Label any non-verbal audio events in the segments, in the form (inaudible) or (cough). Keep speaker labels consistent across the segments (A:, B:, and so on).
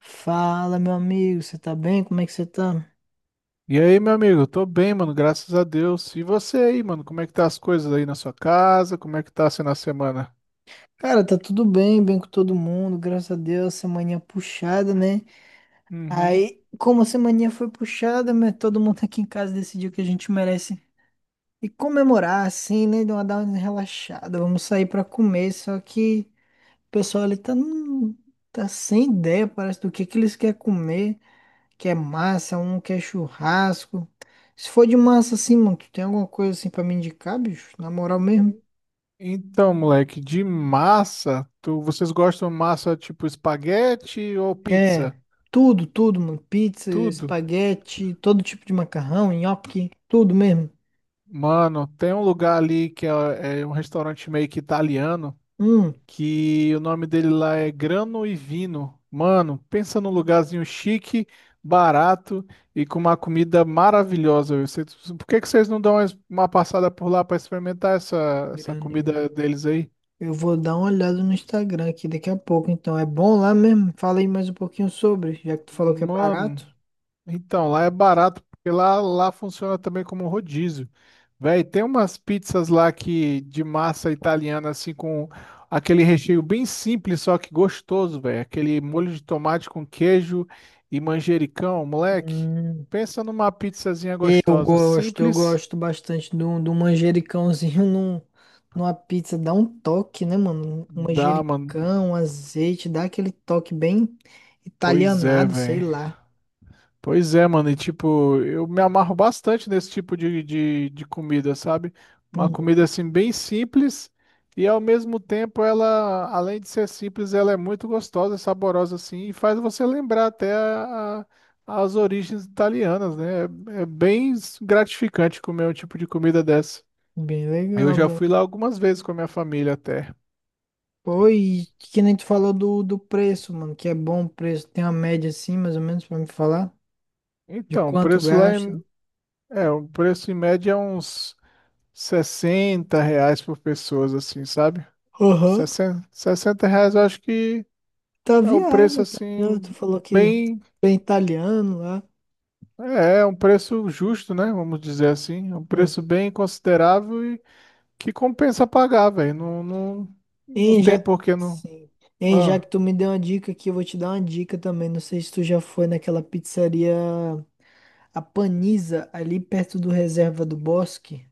A: Fala, meu amigo, você tá bem? Como é que você tá?
B: E aí, meu amigo? Tô bem, mano, graças a Deus. E você aí, mano? Como é que tá as coisas aí na sua casa? Como é que tá sendo a semana?
A: Cara, tá tudo bem, bem com todo mundo, graças a Deus, semaninha puxada, né?
B: Uhum.
A: Aí, como a semaninha foi puxada, né, todo mundo aqui em casa decidiu que a gente merece e comemorar, assim, né? Dar uma relaxada, vamos sair pra comer, só que o pessoal ali tá, tá sem ideia, parece, do que eles querem comer, quer massa, um quer churrasco. Se for de massa, assim, mano, tu tem alguma coisa assim pra me indicar, bicho? Na moral mesmo.
B: Então, moleque, de massa, vocês gostam de massa tipo espaguete ou
A: É,
B: pizza?
A: tudo, tudo, mano. Pizza,
B: Tudo?
A: espaguete, todo tipo de macarrão, nhoque, tudo mesmo.
B: Mano, tem um lugar ali que é um restaurante meio que italiano.
A: Hum,
B: Que o nome dele lá é Grano e Vino. Mano, pensa num lugarzinho chique, barato e com uma comida maravilhosa. Por que que vocês não dão uma passada por lá para experimentar essa
A: grande.
B: comida deles aí?
A: Eu vou dar uma olhada no Instagram aqui daqui a pouco, então. É bom lá mesmo? Fala aí mais um pouquinho sobre, já que tu falou que é
B: Mano.
A: barato.
B: Então, lá é barato, porque lá funciona também como rodízio. Véi, tem umas pizzas lá que de massa italiana, assim, com aquele recheio bem simples, só que gostoso, velho. Aquele molho de tomate com queijo e manjericão, moleque.
A: Hum,
B: Pensa numa pizzazinha gostosa,
A: eu
B: simples.
A: gosto bastante de um, manjericãozinho (laughs) numa pizza. Dá um toque, né, mano? Um
B: Dá, mano.
A: manjericão, um azeite, dá aquele toque bem
B: Pois é,
A: italianado, sei
B: velho.
A: lá.
B: Pois é, mano, e tipo, eu me amarro bastante nesse tipo de comida, sabe? Uma
A: Uhum.
B: comida assim bem simples e ao mesmo tempo ela, além de ser simples, ela é muito gostosa, saborosa assim e faz você lembrar até as origens italianas, né? É, é bem gratificante comer um tipo de comida dessa.
A: Bem
B: Eu
A: legal,
B: já
A: bem.
B: fui lá algumas vezes com a minha família até.
A: Oi, que nem tu falou do preço, mano, que é bom o preço. Tem uma média assim, mais ou menos, pra me falar? De
B: Então, o
A: quanto
B: preço lá
A: gasta?
B: em- é, o preço em média é uns 60 reais por pessoas, assim, sabe?
A: Aham.
B: Sessenta 60 reais eu acho que
A: Tá
B: é o preço
A: viável, tá viável.
B: assim,
A: Tu falou que
B: bem.
A: bem italiano lá.
B: É, é um preço justo, né? Vamos dizer assim. É um preço
A: Uhum.
B: bem considerável e que compensa pagar, velho. Não, não, não
A: Hein,
B: tem
A: já...
B: por que não.
A: Sim. Hein, já que
B: Ah,
A: tu me deu uma dica aqui, eu vou te dar uma dica também. Não sei se tu já foi naquela pizzaria, a Paniza, ali perto do Reserva do Bosque.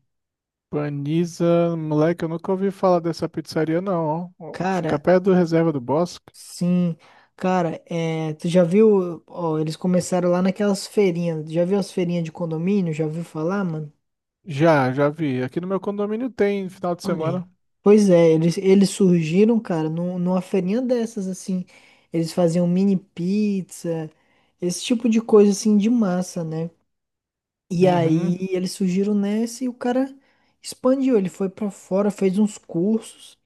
B: Paniza, moleque, eu nunca ouvi falar dessa pizzaria, não, ó. Fica
A: Cara.
B: perto do Reserva do Bosque.
A: Sim, cara, é, tu já viu, ó, eles começaram lá naquelas feirinhas, já viu as feirinhas de condomínio, já viu falar, mano?
B: Já vi. Aqui no meu condomínio tem final de
A: Olha aí.
B: semana.
A: Pois é, eles surgiram, cara, numa feirinha dessas, assim, eles faziam mini pizza, esse tipo de coisa, assim, de massa, né? E aí
B: Uhum.
A: eles surgiram nessa e o cara expandiu, ele foi pra fora, fez uns cursos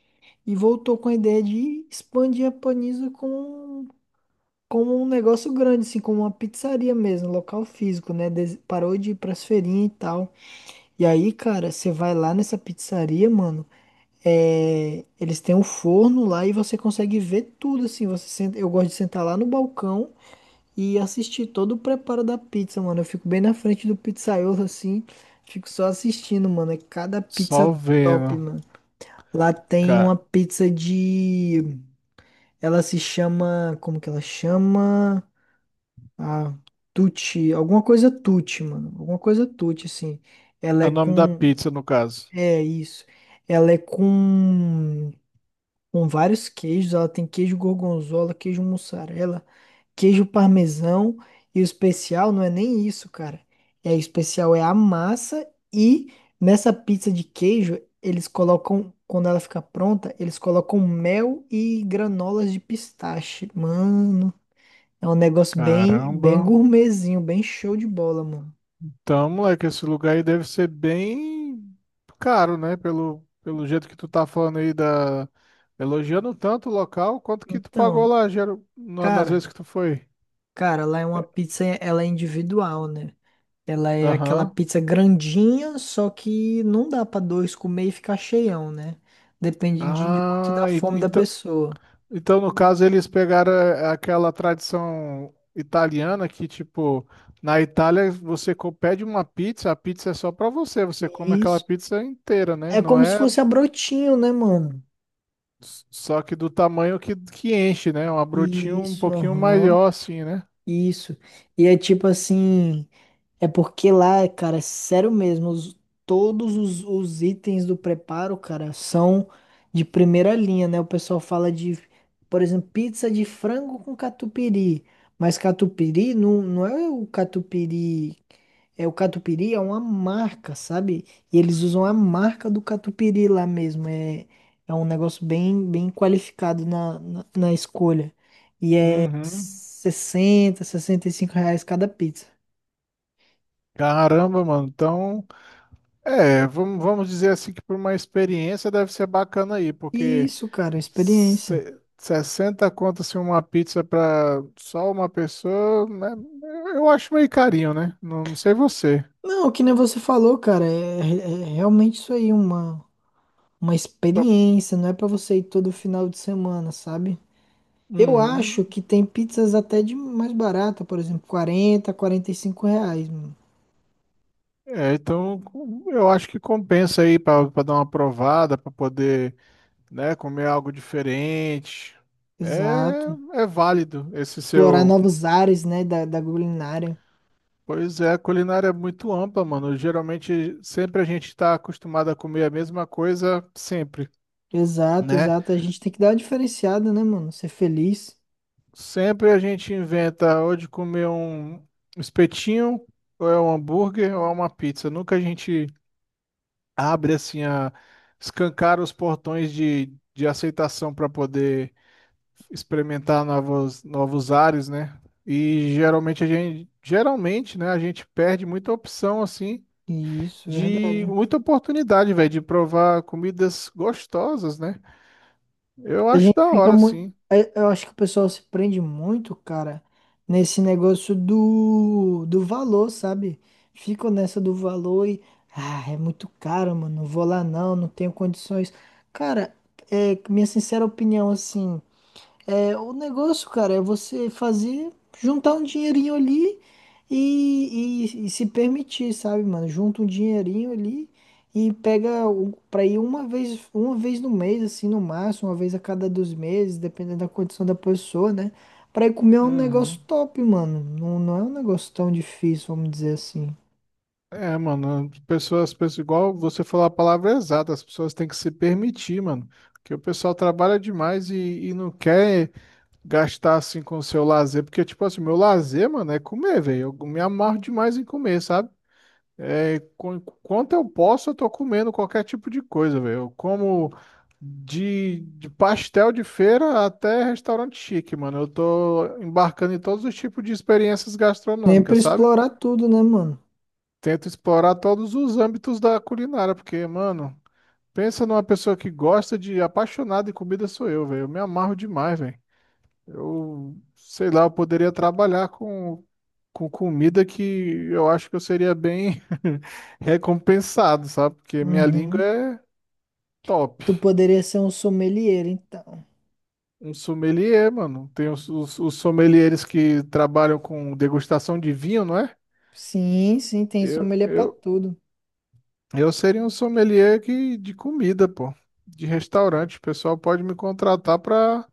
A: e voltou com a ideia de expandir a Panisa como um negócio grande, assim, como uma pizzaria mesmo, local físico, né? Parou de ir pras feirinhas e tal. E aí, cara, você vai lá nessa pizzaria, mano. É, eles têm um forno lá e você consegue ver tudo, assim. Você senta, eu gosto de sentar lá no balcão e assistir todo o preparo da pizza, mano. Eu fico bem na frente do pizzaiolo, assim. Fico só assistindo, mano. É cada pizza
B: Só
A: top,
B: vendo.
A: mano. Lá tem
B: Cara,
A: uma pizza de. Ela se chama. Como que ela chama? A Tucci, alguma coisa Tucci, mano. Alguma coisa Tucci, assim. Ela
B: é
A: é
B: o nome da
A: com.
B: pizza, no caso.
A: É isso. Ela é com. Com vários queijos. Ela tem queijo gorgonzola, queijo mussarela, queijo parmesão. E o especial não é nem isso, cara. É, o especial é a massa. E nessa pizza de queijo, eles colocam. Quando ela fica pronta, eles colocam mel e granolas de pistache. Mano. É um negócio bem,
B: Caramba.
A: bem gourmetzinho, bem show de bola, mano.
B: Então, moleque, esse lugar aí deve ser bem caro, né? Pelo jeito que tu tá falando aí da... Elogiando tanto o local, quanto que tu pagou
A: Então,
B: lá, geral... nas
A: cara,
B: vezes que tu foi?
A: cara, lá é uma pizza, ela é individual, né? Ela é aquela
B: Aham.
A: pizza grandinha, só que não dá pra dois comer e ficar cheião, né? Depende de muito
B: Ah,
A: da
B: e-
A: fome da
B: então,
A: pessoa.
B: então, no caso eles pegaram aquela tradição italiana que, tipo, na Itália pede uma pizza, a pizza é só pra você, você come aquela
A: Isso.
B: pizza inteira, né?
A: É
B: Não
A: como se
B: é.
A: fosse a brotinho, né, mano?
B: Só que do tamanho que, enche, né? É um brotinho um
A: Isso,
B: pouquinho
A: aham.
B: maior, assim, né?
A: Isso. E é tipo assim. É porque lá, cara, é sério mesmo, todos os, itens do preparo, cara, são de primeira linha, né? O pessoal fala de, por exemplo, pizza de frango com catupiry, mas catupiry não, não é o catupiry, é o catupiry é uma marca, sabe? E eles usam a marca do catupiry lá mesmo, é, é um negócio bem, bem qualificado na, na escolha. E é
B: Uhum.
A: R$ 65 cada pizza.
B: Caramba, mano. Então, é, vamos dizer assim que por uma experiência deve ser bacana aí, porque
A: Isso, cara, experiência.
B: se, 60 conto assim, uma pizza para só uma pessoa, né? Eu acho meio carinho, né? Não sei você.
A: Não, que nem você falou, cara, é, é realmente isso aí, uma, experiência, não é pra você ir todo final de semana, sabe? Eu acho
B: Uhum.
A: que tem pizzas até de mais barata, por exemplo, R$ 45, mano.
B: É, então eu acho que compensa aí para dar uma provada, para poder, né? Comer algo diferente.
A: Exato.
B: É, é válido esse
A: Explorar
B: seu.
A: novos ares, né, da, culinária.
B: Pois é, a culinária é muito ampla, mano. Geralmente, sempre a gente está acostumado a comer a mesma coisa, sempre,
A: Exato,
B: né?
A: exato. A gente tem que dar uma diferenciada, né, mano? Ser feliz.
B: Sempre a gente inventa ou de comer um espetinho, ou é um hambúrguer, ou é uma pizza. Nunca a gente abre assim a escancar os portões de aceitação para poder experimentar novos ares, né? E geralmente a gente, geralmente, né, a gente perde muita opção assim
A: Isso,
B: de
A: verdade.
B: muita oportunidade, velho, de provar comidas gostosas, né? Eu
A: A
B: acho
A: gente
B: da
A: fica
B: hora,
A: muito.
B: sim.
A: Eu acho que o pessoal se prende muito, cara, nesse negócio do valor, sabe? Ficam nessa do valor e. Ah, é muito caro, mano. Não vou lá não, não tenho condições. Cara, é minha sincera opinião, assim. É, o negócio, cara, é você fazer, juntar um dinheirinho ali e, e se permitir, sabe, mano? Junta um dinheirinho ali e pega pra ir uma vez no mês, assim, no máximo, uma vez a cada 2 meses, dependendo da condição da pessoa, né? Pra ir comer um negócio
B: Uhum.
A: top, mano. Não, não é um negócio tão difícil, vamos dizer assim.
B: É, mano, as pessoas pensam igual você falou a palavra é exata, as pessoas têm que se permitir, mano. Porque o pessoal trabalha demais e não quer gastar assim com o seu lazer. Porque, tipo assim, meu lazer, mano, é comer, velho. Eu me amarro demais em comer, sabe? É, quanto eu posso, eu tô comendo qualquer tipo de coisa, velho. Eu como de pastel de feira até restaurante chique, mano. Eu tô embarcando em todos os tipos de experiências
A: Sempre
B: gastronômicas, sabe?
A: explorar tudo, né, mano?
B: Tento explorar todos os âmbitos da culinária, porque, mano, pensa numa pessoa que gosta de apaixonada em comida sou eu, velho. Eu me amarro demais, velho. Eu, sei lá, eu poderia trabalhar com comida que eu acho que eu seria bem (laughs) recompensado, sabe? Porque minha língua
A: Uhum.
B: é top.
A: Tu poderia ser um sommelier, então.
B: Um sommelier, mano. Tem os sommeliers que trabalham com degustação de vinho, não é?
A: Sim, sim, tem
B: Eu,
A: sommelier pra
B: eu,
A: tudo.
B: Eu seria um sommelier que, de comida, pô, de restaurante. O pessoal pode me contratar para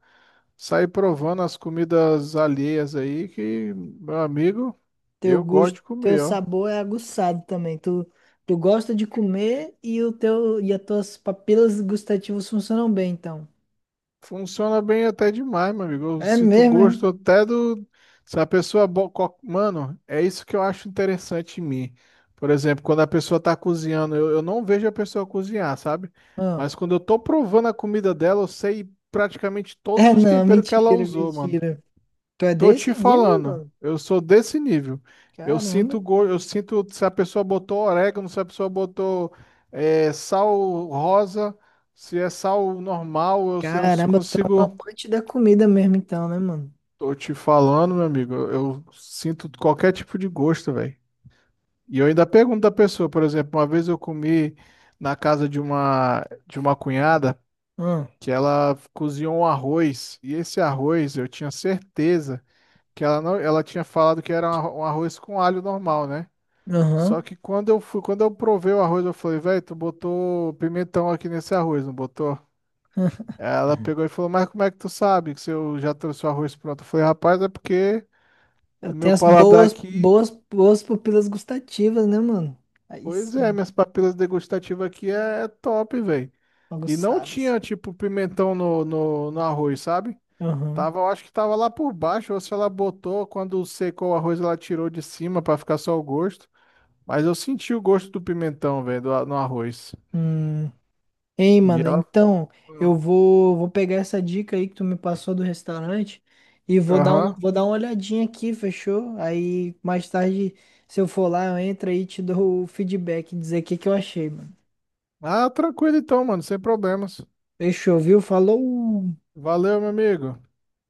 B: sair provando as comidas alheias aí, que, meu amigo,
A: Teu
B: eu gosto
A: gosto,
B: de
A: teu
B: comer, ó.
A: sabor é aguçado também. Tu, tu gosta de comer e o teu e as tuas papilas gustativas funcionam bem, então.
B: Funciona bem até demais, meu amigo. Eu
A: É
B: sinto
A: mesmo, é?
B: gosto até do. Se a pessoa. Mano, é isso que eu acho interessante em mim. Por exemplo, quando a pessoa tá cozinhando, eu não vejo a pessoa cozinhar, sabe?
A: Ah.
B: Mas
A: (laughs)
B: quando eu tô provando a comida dela, eu sei praticamente todos
A: É,
B: os
A: não,
B: temperos que ela
A: mentira,
B: usou, mano.
A: mentira. Tu é
B: Tô te
A: desse nível,
B: falando,
A: mano?
B: eu sou desse nível.
A: Caramba.
B: Eu sinto se a pessoa botou orégano, se a pessoa botou sal rosa, se é sal normal, eu
A: Caramba, tu é um
B: consigo.
A: amante da comida mesmo, então, né, mano?
B: Tô te falando, meu amigo, eu sinto qualquer tipo de gosto, velho. E eu ainda pergunto da pessoa, por exemplo, uma vez eu comi na casa de uma cunhada
A: Ah.
B: que ela cozinhou um arroz e esse arroz eu tinha certeza que ela não, ela tinha falado que era um um arroz com alho normal, né? Só
A: Aham.
B: que quando eu fui, quando eu provei o arroz, eu falei, velho, tu botou pimentão aqui nesse arroz, não botou? Ela pegou e falou, mas como é que tu sabe que se eu já trouxe o arroz pronto? Eu falei, rapaz, é porque
A: Eu
B: meu
A: tenho as
B: paladar
A: boas,
B: aqui,
A: boas, boas papilas gustativas, né, mano? Aí
B: pois é,
A: sim,
B: minhas papilas degustativas aqui é top, velho. E não
A: aguçadas.
B: tinha, tipo, pimentão no arroz, sabe?
A: Aham.
B: Tava, eu acho que tava lá por baixo, ou se ela botou, quando secou o arroz, ela tirou de cima pra ficar só o gosto. Mas eu senti o gosto do pimentão, velho, do no arroz.
A: Hum. Ei,
B: E
A: mano,
B: ela.
A: então eu vou pegar essa dica aí que tu me passou do restaurante e
B: Aham.
A: vou dar uma olhadinha aqui, fechou? Aí mais tarde, se eu for lá, eu entro aí e te dou o feedback, dizer o que que eu achei, mano.
B: Ah, tranquilo então, mano, sem problemas.
A: Fechou, viu? Falou!
B: Valeu, meu amigo.